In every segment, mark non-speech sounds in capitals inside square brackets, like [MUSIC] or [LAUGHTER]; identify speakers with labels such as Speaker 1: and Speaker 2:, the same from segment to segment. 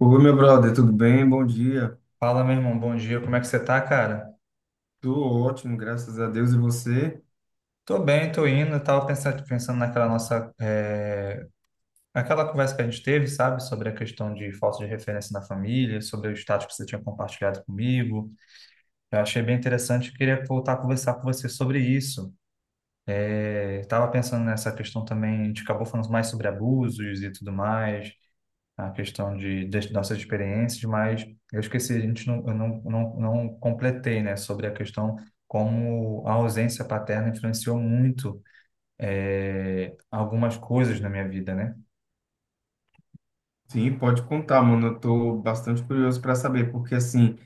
Speaker 1: Oi, meu brother, tudo bem? Bom dia.
Speaker 2: Fala, meu irmão, bom dia, como é que você tá, cara?
Speaker 1: Tô ótimo, graças a Deus. E você?
Speaker 2: Tô bem, tô indo, eu tava pensando, naquela nossa, aquela conversa que a gente teve, sabe, sobre a questão de falta de referência na família, sobre o status que você tinha compartilhado comigo, eu achei bem interessante, e queria voltar a conversar com você sobre isso. Eu tava pensando nessa questão também, a gente acabou falando mais sobre abusos e tudo mais, a questão das nossas experiências, mas eu esqueci, a gente não, não completei, né, sobre a questão como a ausência paterna influenciou muito algumas coisas na minha vida, né?
Speaker 1: Sim, pode contar, mano. Eu tô bastante curioso para saber, porque assim,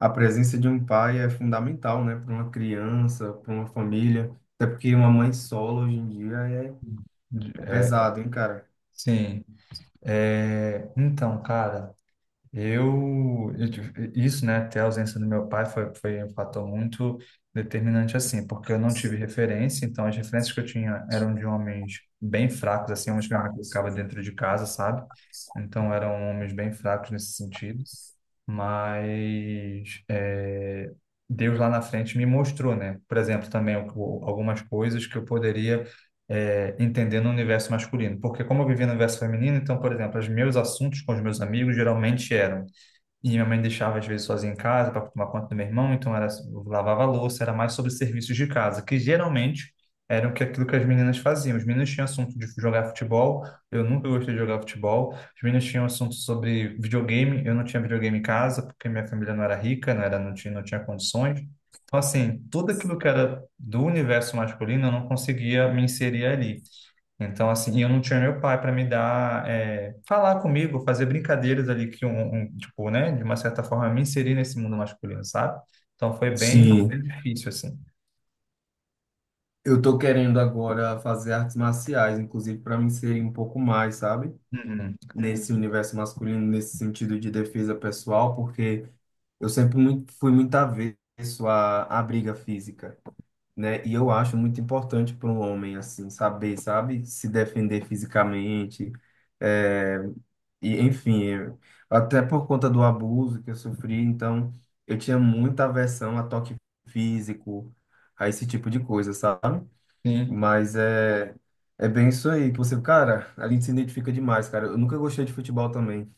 Speaker 1: a presença de um pai é fundamental, né, para uma criança, para uma família, até porque uma mãe solo hoje em dia é pesado, hein, cara?
Speaker 2: Sim. Então, cara. Eu isso, né, até a ausência do meu pai foi um fator muito determinante, assim, porque eu não tive referência, então as referências que eu tinha eram de homens bem fracos, assim, homens que minha mãe colocava dentro de casa, sabe? Então eram homens bem fracos nesse sentido, mas Deus lá na frente me mostrou, né? Por exemplo, também algumas coisas que eu poderia entender no universo masculino, porque como eu vivia no universo feminino, então, por exemplo, os meus assuntos com os meus amigos geralmente eram e minha mãe deixava às vezes sozinha em casa para tomar conta do meu irmão, então era eu lavava a louça, era mais sobre serviços de casa, que geralmente eram que aquilo que as meninas faziam. Os meninos tinham assunto de jogar futebol, eu nunca gostei de jogar futebol. Os meninos tinham assunto sobre videogame, eu não tinha videogame em casa porque minha família não era rica, não tinha condições. Então assim, tudo aquilo que era do universo masculino eu não conseguia me inserir ali. Então, assim, e eu não tinha meu pai para me dar, falar comigo, fazer brincadeiras ali que tipo, né, de uma certa forma me inserir nesse mundo masculino, sabe? Então foi
Speaker 1: Sim,
Speaker 2: bem difícil, assim.
Speaker 1: eu tô querendo agora fazer artes marciais, inclusive para me inserir um pouco mais, sabe?
Speaker 2: Uhum.
Speaker 1: Nesse universo masculino, nesse sentido de defesa pessoal, porque eu sempre muito, fui muito avesso à briga física, né? E eu acho muito importante para um homem, assim, saber, sabe, se defender fisicamente. É, e, enfim, eu- até por conta do abuso que eu sofri, então eu tinha muita aversão a toque físico, a esse tipo de coisa, sabe?
Speaker 2: Sim,
Speaker 1: Mas é, é bem isso aí, que você, cara, a gente se identifica demais, cara. Eu nunca gostei de futebol também.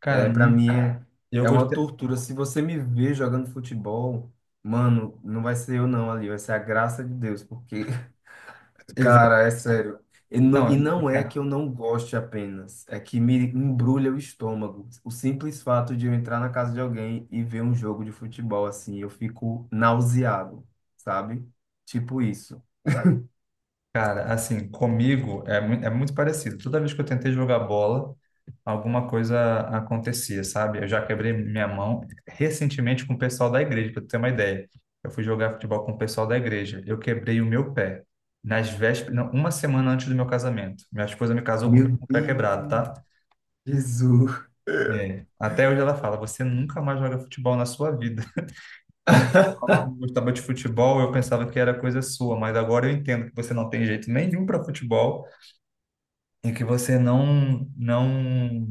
Speaker 2: cara,
Speaker 1: É, para mim é,
Speaker 2: eu
Speaker 1: é uma
Speaker 2: gostei,
Speaker 1: tortura. Se você me ver jogando futebol, mano, não vai ser eu não ali, vai ser a graça de Deus, porque, [LAUGHS]
Speaker 2: exato,
Speaker 1: cara, é sério.
Speaker 2: não.
Speaker 1: E não é que eu não goste apenas, é que me embrulha o estômago. O simples fato de eu entrar na casa de alguém e ver um jogo de futebol assim, eu fico nauseado, sabe? Tipo isso.
Speaker 2: Cara, assim, comigo é, é muito parecido. Toda vez que eu tentei jogar bola, alguma coisa acontecia, sabe? Eu já quebrei minha mão recentemente com o pessoal da igreja, para tu ter uma ideia. Eu fui jogar futebol com o pessoal da igreja. Eu quebrei o meu pé nas vésperas, não, uma semana antes do meu casamento. Minha esposa me casou com
Speaker 1: Meu
Speaker 2: o pé quebrado,
Speaker 1: Deus,
Speaker 2: tá?
Speaker 1: Jesus.
Speaker 2: É. Até hoje ela fala: você nunca mais joga futebol na sua vida. [LAUGHS] Quando você
Speaker 1: [LAUGHS]
Speaker 2: falava que gostava de futebol, eu pensava que era coisa sua, mas agora eu entendo que você não tem jeito nenhum para futebol. E que você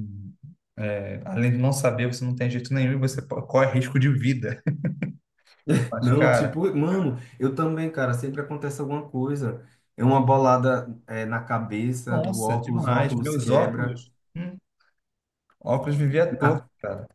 Speaker 2: é, além de não saber, você não tem jeito nenhum e você corre risco de vida. [LAUGHS] Mas,
Speaker 1: Não,
Speaker 2: cara,
Speaker 1: tipo, mano, eu também, cara, sempre acontece alguma coisa. É uma bolada, é, na cabeça, no
Speaker 2: nossa,
Speaker 1: óculos, o nossa,
Speaker 2: demais.
Speaker 1: óculos
Speaker 2: Meus
Speaker 1: quebra,
Speaker 2: óculos, óculos vivia torto,
Speaker 1: na
Speaker 2: cara.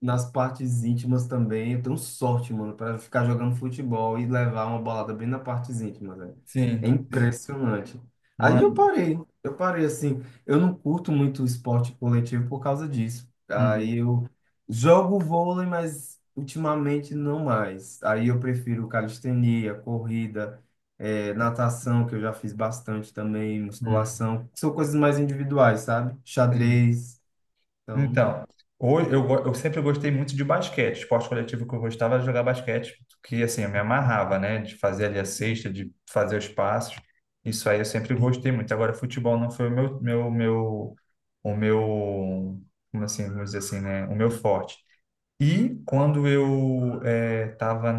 Speaker 1: nas partes íntimas também, eu tenho sorte, mano, para ficar jogando futebol e levar uma bolada bem na partes íntimas, velho. É
Speaker 2: Sim, sim.
Speaker 1: impressionante. Aí
Speaker 2: Mano,
Speaker 1: eu parei assim. Eu não curto muito esporte coletivo por causa disso.
Speaker 2: uhum,
Speaker 1: Aí eu jogo vôlei, mas ultimamente não mais. Aí eu prefiro calistenia, corrida, natação, que eu já fiz bastante também,
Speaker 2: uhum.
Speaker 1: musculação. São coisas mais individuais, sabe? Xadrez, então,
Speaker 2: Então, eu sempre gostei muito de basquete. Esporte coletivo que eu gostava era jogar basquete, que assim, eu me amarrava, né? De fazer ali a cesta, de fazer os passos. Isso aí eu sempre gostei muito. Agora, futebol não foi o meu, como assim, vamos dizer assim, né? O meu forte. E quando eu estava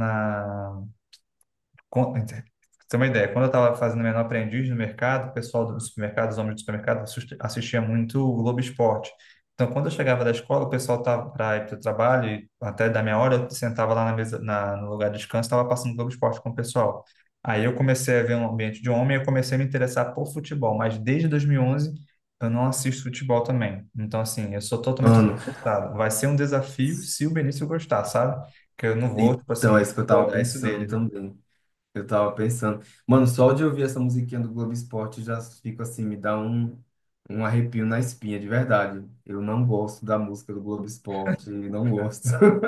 Speaker 2: Você tem uma ideia, quando eu estava fazendo menor aprendiz no mercado, o pessoal do supermercado, os homens do supermercado, assistia muito o Globo Esporte. Então, quando eu chegava da escola, o pessoal estava para ir para o trabalho, e até da minha hora, eu sentava lá na mesa, no lugar de descanso, estava passando Globo Esporte com o pessoal. Aí eu comecei a ver um ambiente de homem, eu comecei a me interessar por futebol, mas desde 2011 eu não assisto futebol também. Então, assim, eu sou totalmente
Speaker 1: ano.
Speaker 2: desinteressado. Vai ser um desafio se o Benício gostar, sabe? Que eu não vou, tipo
Speaker 1: Então, é
Speaker 2: assim,
Speaker 1: isso que eu tava
Speaker 2: rodar isso
Speaker 1: pensando
Speaker 2: dele, né?
Speaker 1: também. Eu tava pensando. Mano, só de ouvir essa musiquinha do Globo Esporte já fico assim, me dá um arrepio na espinha, de verdade. Eu não gosto da música do Globo Esporte, não gosto. [LAUGHS]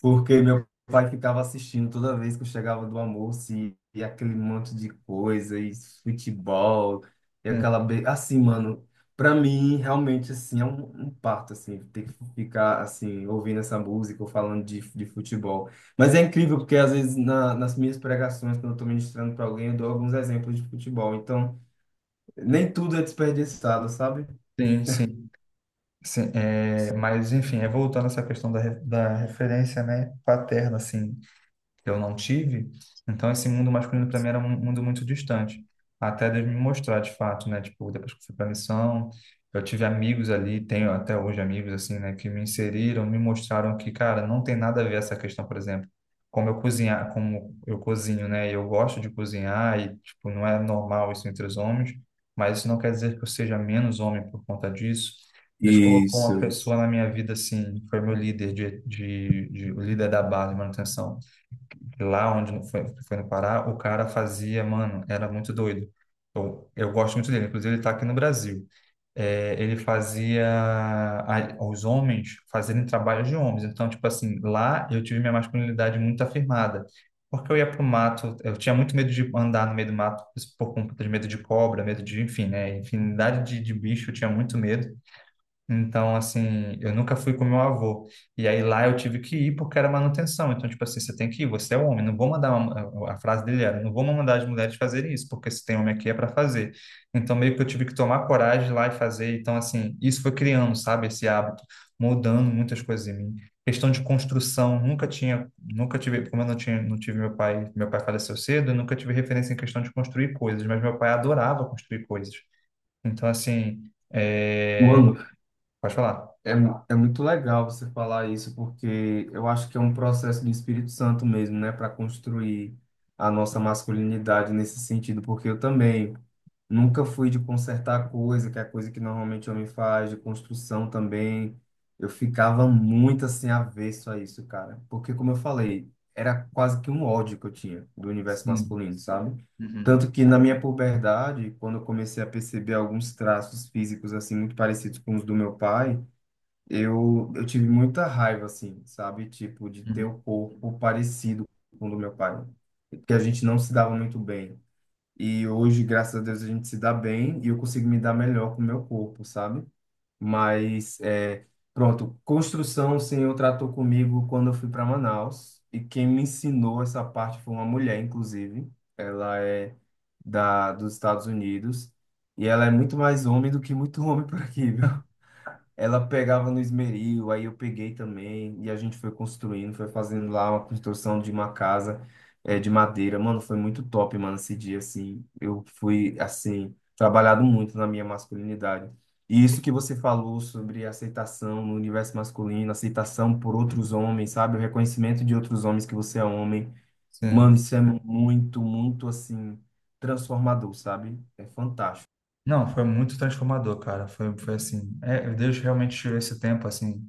Speaker 1: Porque meu pai ficava assistindo toda vez que eu chegava do almoço e aquele monte de coisa, e futebol, e aquela. Assim, mano, pra mim, realmente, assim, é um parto, assim, ter que ficar, assim, ouvindo essa música ou falando de futebol. Mas é incrível, porque às vezes nas minhas pregações, quando eu tô ministrando pra alguém, eu dou alguns exemplos de futebol. Então, nem tudo é desperdiçado, sabe?
Speaker 2: Sim, sim, sim. É, mas enfim, é voltando a essa questão da referência, né, paterna, assim, que eu não tive. Então, esse mundo masculino para mim era um mundo muito distante. Até Deus me mostrar, de fato, né? Tipo, depois que eu fui para a missão, eu tive amigos ali, tenho até hoje amigos, assim, né? Que me inseriram, me mostraram que, cara, não tem nada a ver essa questão, por exemplo. Como eu cozinhar, como eu cozinho, né? Eu gosto de cozinhar e, tipo, não é normal isso entre os homens, mas isso não quer dizer que eu seja menos homem por conta disso. Deus colocou uma
Speaker 1: Isso, isso.
Speaker 2: pessoa na minha vida, assim, foi meu líder de o líder da base, de manutenção lá onde foi no Pará, o cara fazia, mano, era muito doido. Eu gosto muito dele, inclusive ele tá aqui no Brasil. É, ele fazia os homens fazerem trabalho de homens. Então, tipo assim, lá eu tive minha masculinidade muito afirmada. Porque eu ia pro mato, eu tinha muito medo de andar no meio do mato por conta de medo de cobra, medo de, enfim, né? Infinidade de bicho, eu tinha muito medo. Então, assim, eu nunca fui com meu avô. E aí lá eu tive que ir porque era manutenção. Então, tipo assim, você tem que ir, você é homem, não vou mandar uma- a frase dele era, não vou mandar as mulheres fazerem isso, porque se tem homem aqui é para fazer. Então, meio que eu tive que tomar coragem lá e fazer. Então, assim, isso foi criando, sabe, esse hábito, mudando muitas coisas em mim. Questão de construção, nunca tive, como eu não tinha, não tive meu pai faleceu cedo, eu nunca tive referência em questão de construir coisas, mas meu pai adorava construir coisas. Então, assim, é...
Speaker 1: Mano,
Speaker 2: pode falar.
Speaker 1: É muito legal você falar isso, porque eu acho que é um processo do Espírito Santo mesmo, né, para construir a nossa masculinidade nesse sentido, porque eu também nunca fui de consertar coisa, que é a coisa que normalmente o homem faz, de construção também. Eu ficava muito assim avesso a isso, cara, porque como eu falei, era quase que um ódio que eu tinha do universo
Speaker 2: Sim,
Speaker 1: masculino, sabe?
Speaker 2: uhum,
Speaker 1: Tanto que na minha puberdade, quando eu comecei a perceber alguns traços físicos assim muito parecidos com os do meu pai, eu tive muita raiva, assim, sabe? Tipo, de ter
Speaker 2: uhum,
Speaker 1: o corpo parecido com o do meu pai. Porque a gente não se dava muito bem. E hoje, graças a Deus, a gente se dá bem e eu consigo me dar melhor com o meu corpo, sabe? Mas, é, pronto, construção o Senhor tratou comigo quando eu fui para Manaus. E quem me ensinou essa parte foi uma mulher, inclusive. Ela é dos Estados Unidos. E ela é muito mais homem do que muito homem por aqui, ela pegava no esmeril, aí eu peguei também, e a gente foi construindo, foi fazendo lá uma construção de uma casa de madeira. Mano, foi muito top, mano, esse dia, assim. Eu fui, assim, trabalhado muito na minha masculinidade. E isso que você falou sobre aceitação no universo masculino, aceitação por outros homens, sabe? O reconhecimento de outros homens que você é homem.
Speaker 2: sim.
Speaker 1: Mano, isso é muito, muito, assim, transformador, sabe? É fantástico.
Speaker 2: Não, foi muito transformador, cara. Foi assim. É, Deus realmente tirou esse tempo, assim,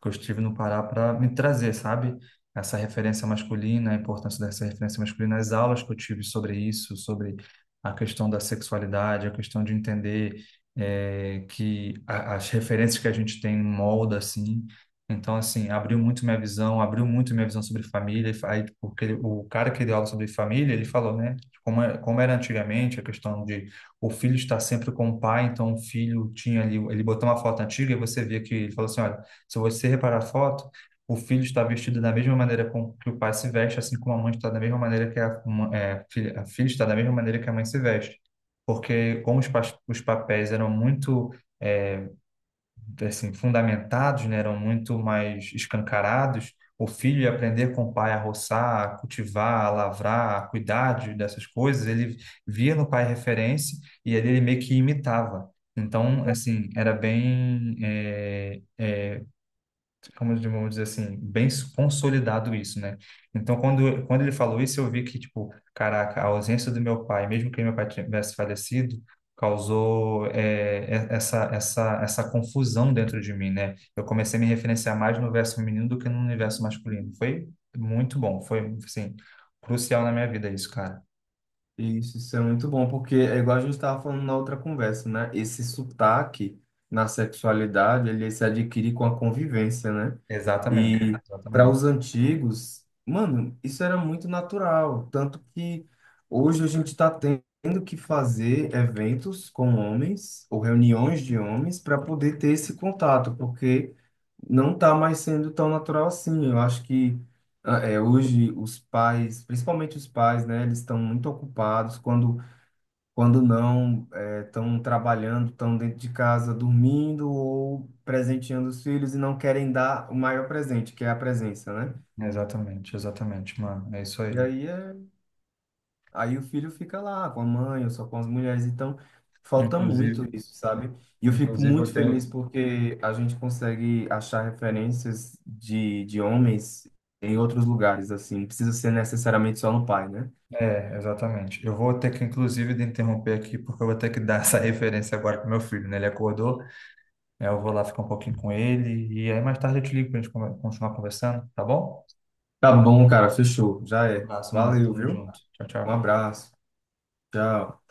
Speaker 2: que eu estive no Pará para me trazer, sabe? Essa referência masculina, a importância dessa referência masculina, as aulas que eu tive sobre isso, sobre a questão da sexualidade, a questão de entender que as referências que a gente tem molda, assim. Então, assim, abriu muito minha visão, abriu muito minha visão sobre família. Aí, porque o cara que deu aula sobre família, ele falou, né, como, como era antigamente, a questão de o filho estar sempre com o pai, então o filho tinha ali, ele botou uma foto antiga e você via que ele falou assim, olha, se você reparar a foto, o filho está vestido da mesma maneira com que o pai se veste, assim como a mãe está da mesma maneira que é, filha, a filha está da mesma maneira que a mãe se veste. Porque como os papéis eram muito é, assim, fundamentados, né, eram muito mais escancarados, o filho ia aprender com o pai a roçar, a cultivar, a lavrar, a cuidar dessas coisas, ele via no pai referência e ali ele meio que imitava. Então, assim, era bem como vamos dizer assim, bem consolidado isso, né? Então, quando ele falou isso, eu vi que, tipo, caraca, a ausência do meu pai, mesmo que meu pai tivesse falecido, causou essa confusão dentro de mim, né? Eu comecei a me referenciar mais no universo feminino do que no universo masculino. Foi muito bom, foi, assim, crucial na minha vida isso, cara.
Speaker 1: Isso é muito bom, porque é igual a gente estava falando na outra conversa, né? Esse sotaque na sexualidade, ele se adquire com a convivência, né?
Speaker 2: Exatamente,
Speaker 1: E para
Speaker 2: exatamente,
Speaker 1: os antigos, mano, isso era muito natural, tanto que hoje a gente está tendo que fazer eventos com homens ou reuniões de homens para poder ter esse contato, porque não está mais sendo tão natural assim. Eu acho que é, hoje os pais, principalmente os pais, né, eles estão muito ocupados quando não estão trabalhando, estão dentro de casa dormindo ou presenteando os filhos e não querem dar o maior presente, que é a presença, né?
Speaker 2: exatamente, exatamente, mano. É isso
Speaker 1: E
Speaker 2: aí.
Speaker 1: aí, é, aí o filho fica lá com a mãe ou só com as mulheres, então falta muito
Speaker 2: Inclusive,
Speaker 1: isso, sabe? E eu fico
Speaker 2: eu
Speaker 1: muito
Speaker 2: tenho,
Speaker 1: feliz porque a gente consegue achar referências de homens em outros lugares, assim, não precisa ser necessariamente só no pai, né?
Speaker 2: é, exatamente. Eu vou ter que, inclusive, de interromper aqui, porque eu vou ter que dar essa [LAUGHS] referência agora para meu filho, né? Ele acordou, aí eu vou lá ficar um pouquinho com ele, e aí mais tarde eu te ligo para a gente continuar conversando, tá bom?
Speaker 1: Tá bom, cara, fechou. Já
Speaker 2: Um
Speaker 1: é.
Speaker 2: abraço, mano.
Speaker 1: Valeu,
Speaker 2: Tamo
Speaker 1: viu?
Speaker 2: junto. Tchau,
Speaker 1: Um
Speaker 2: tchau.
Speaker 1: abraço. Tchau.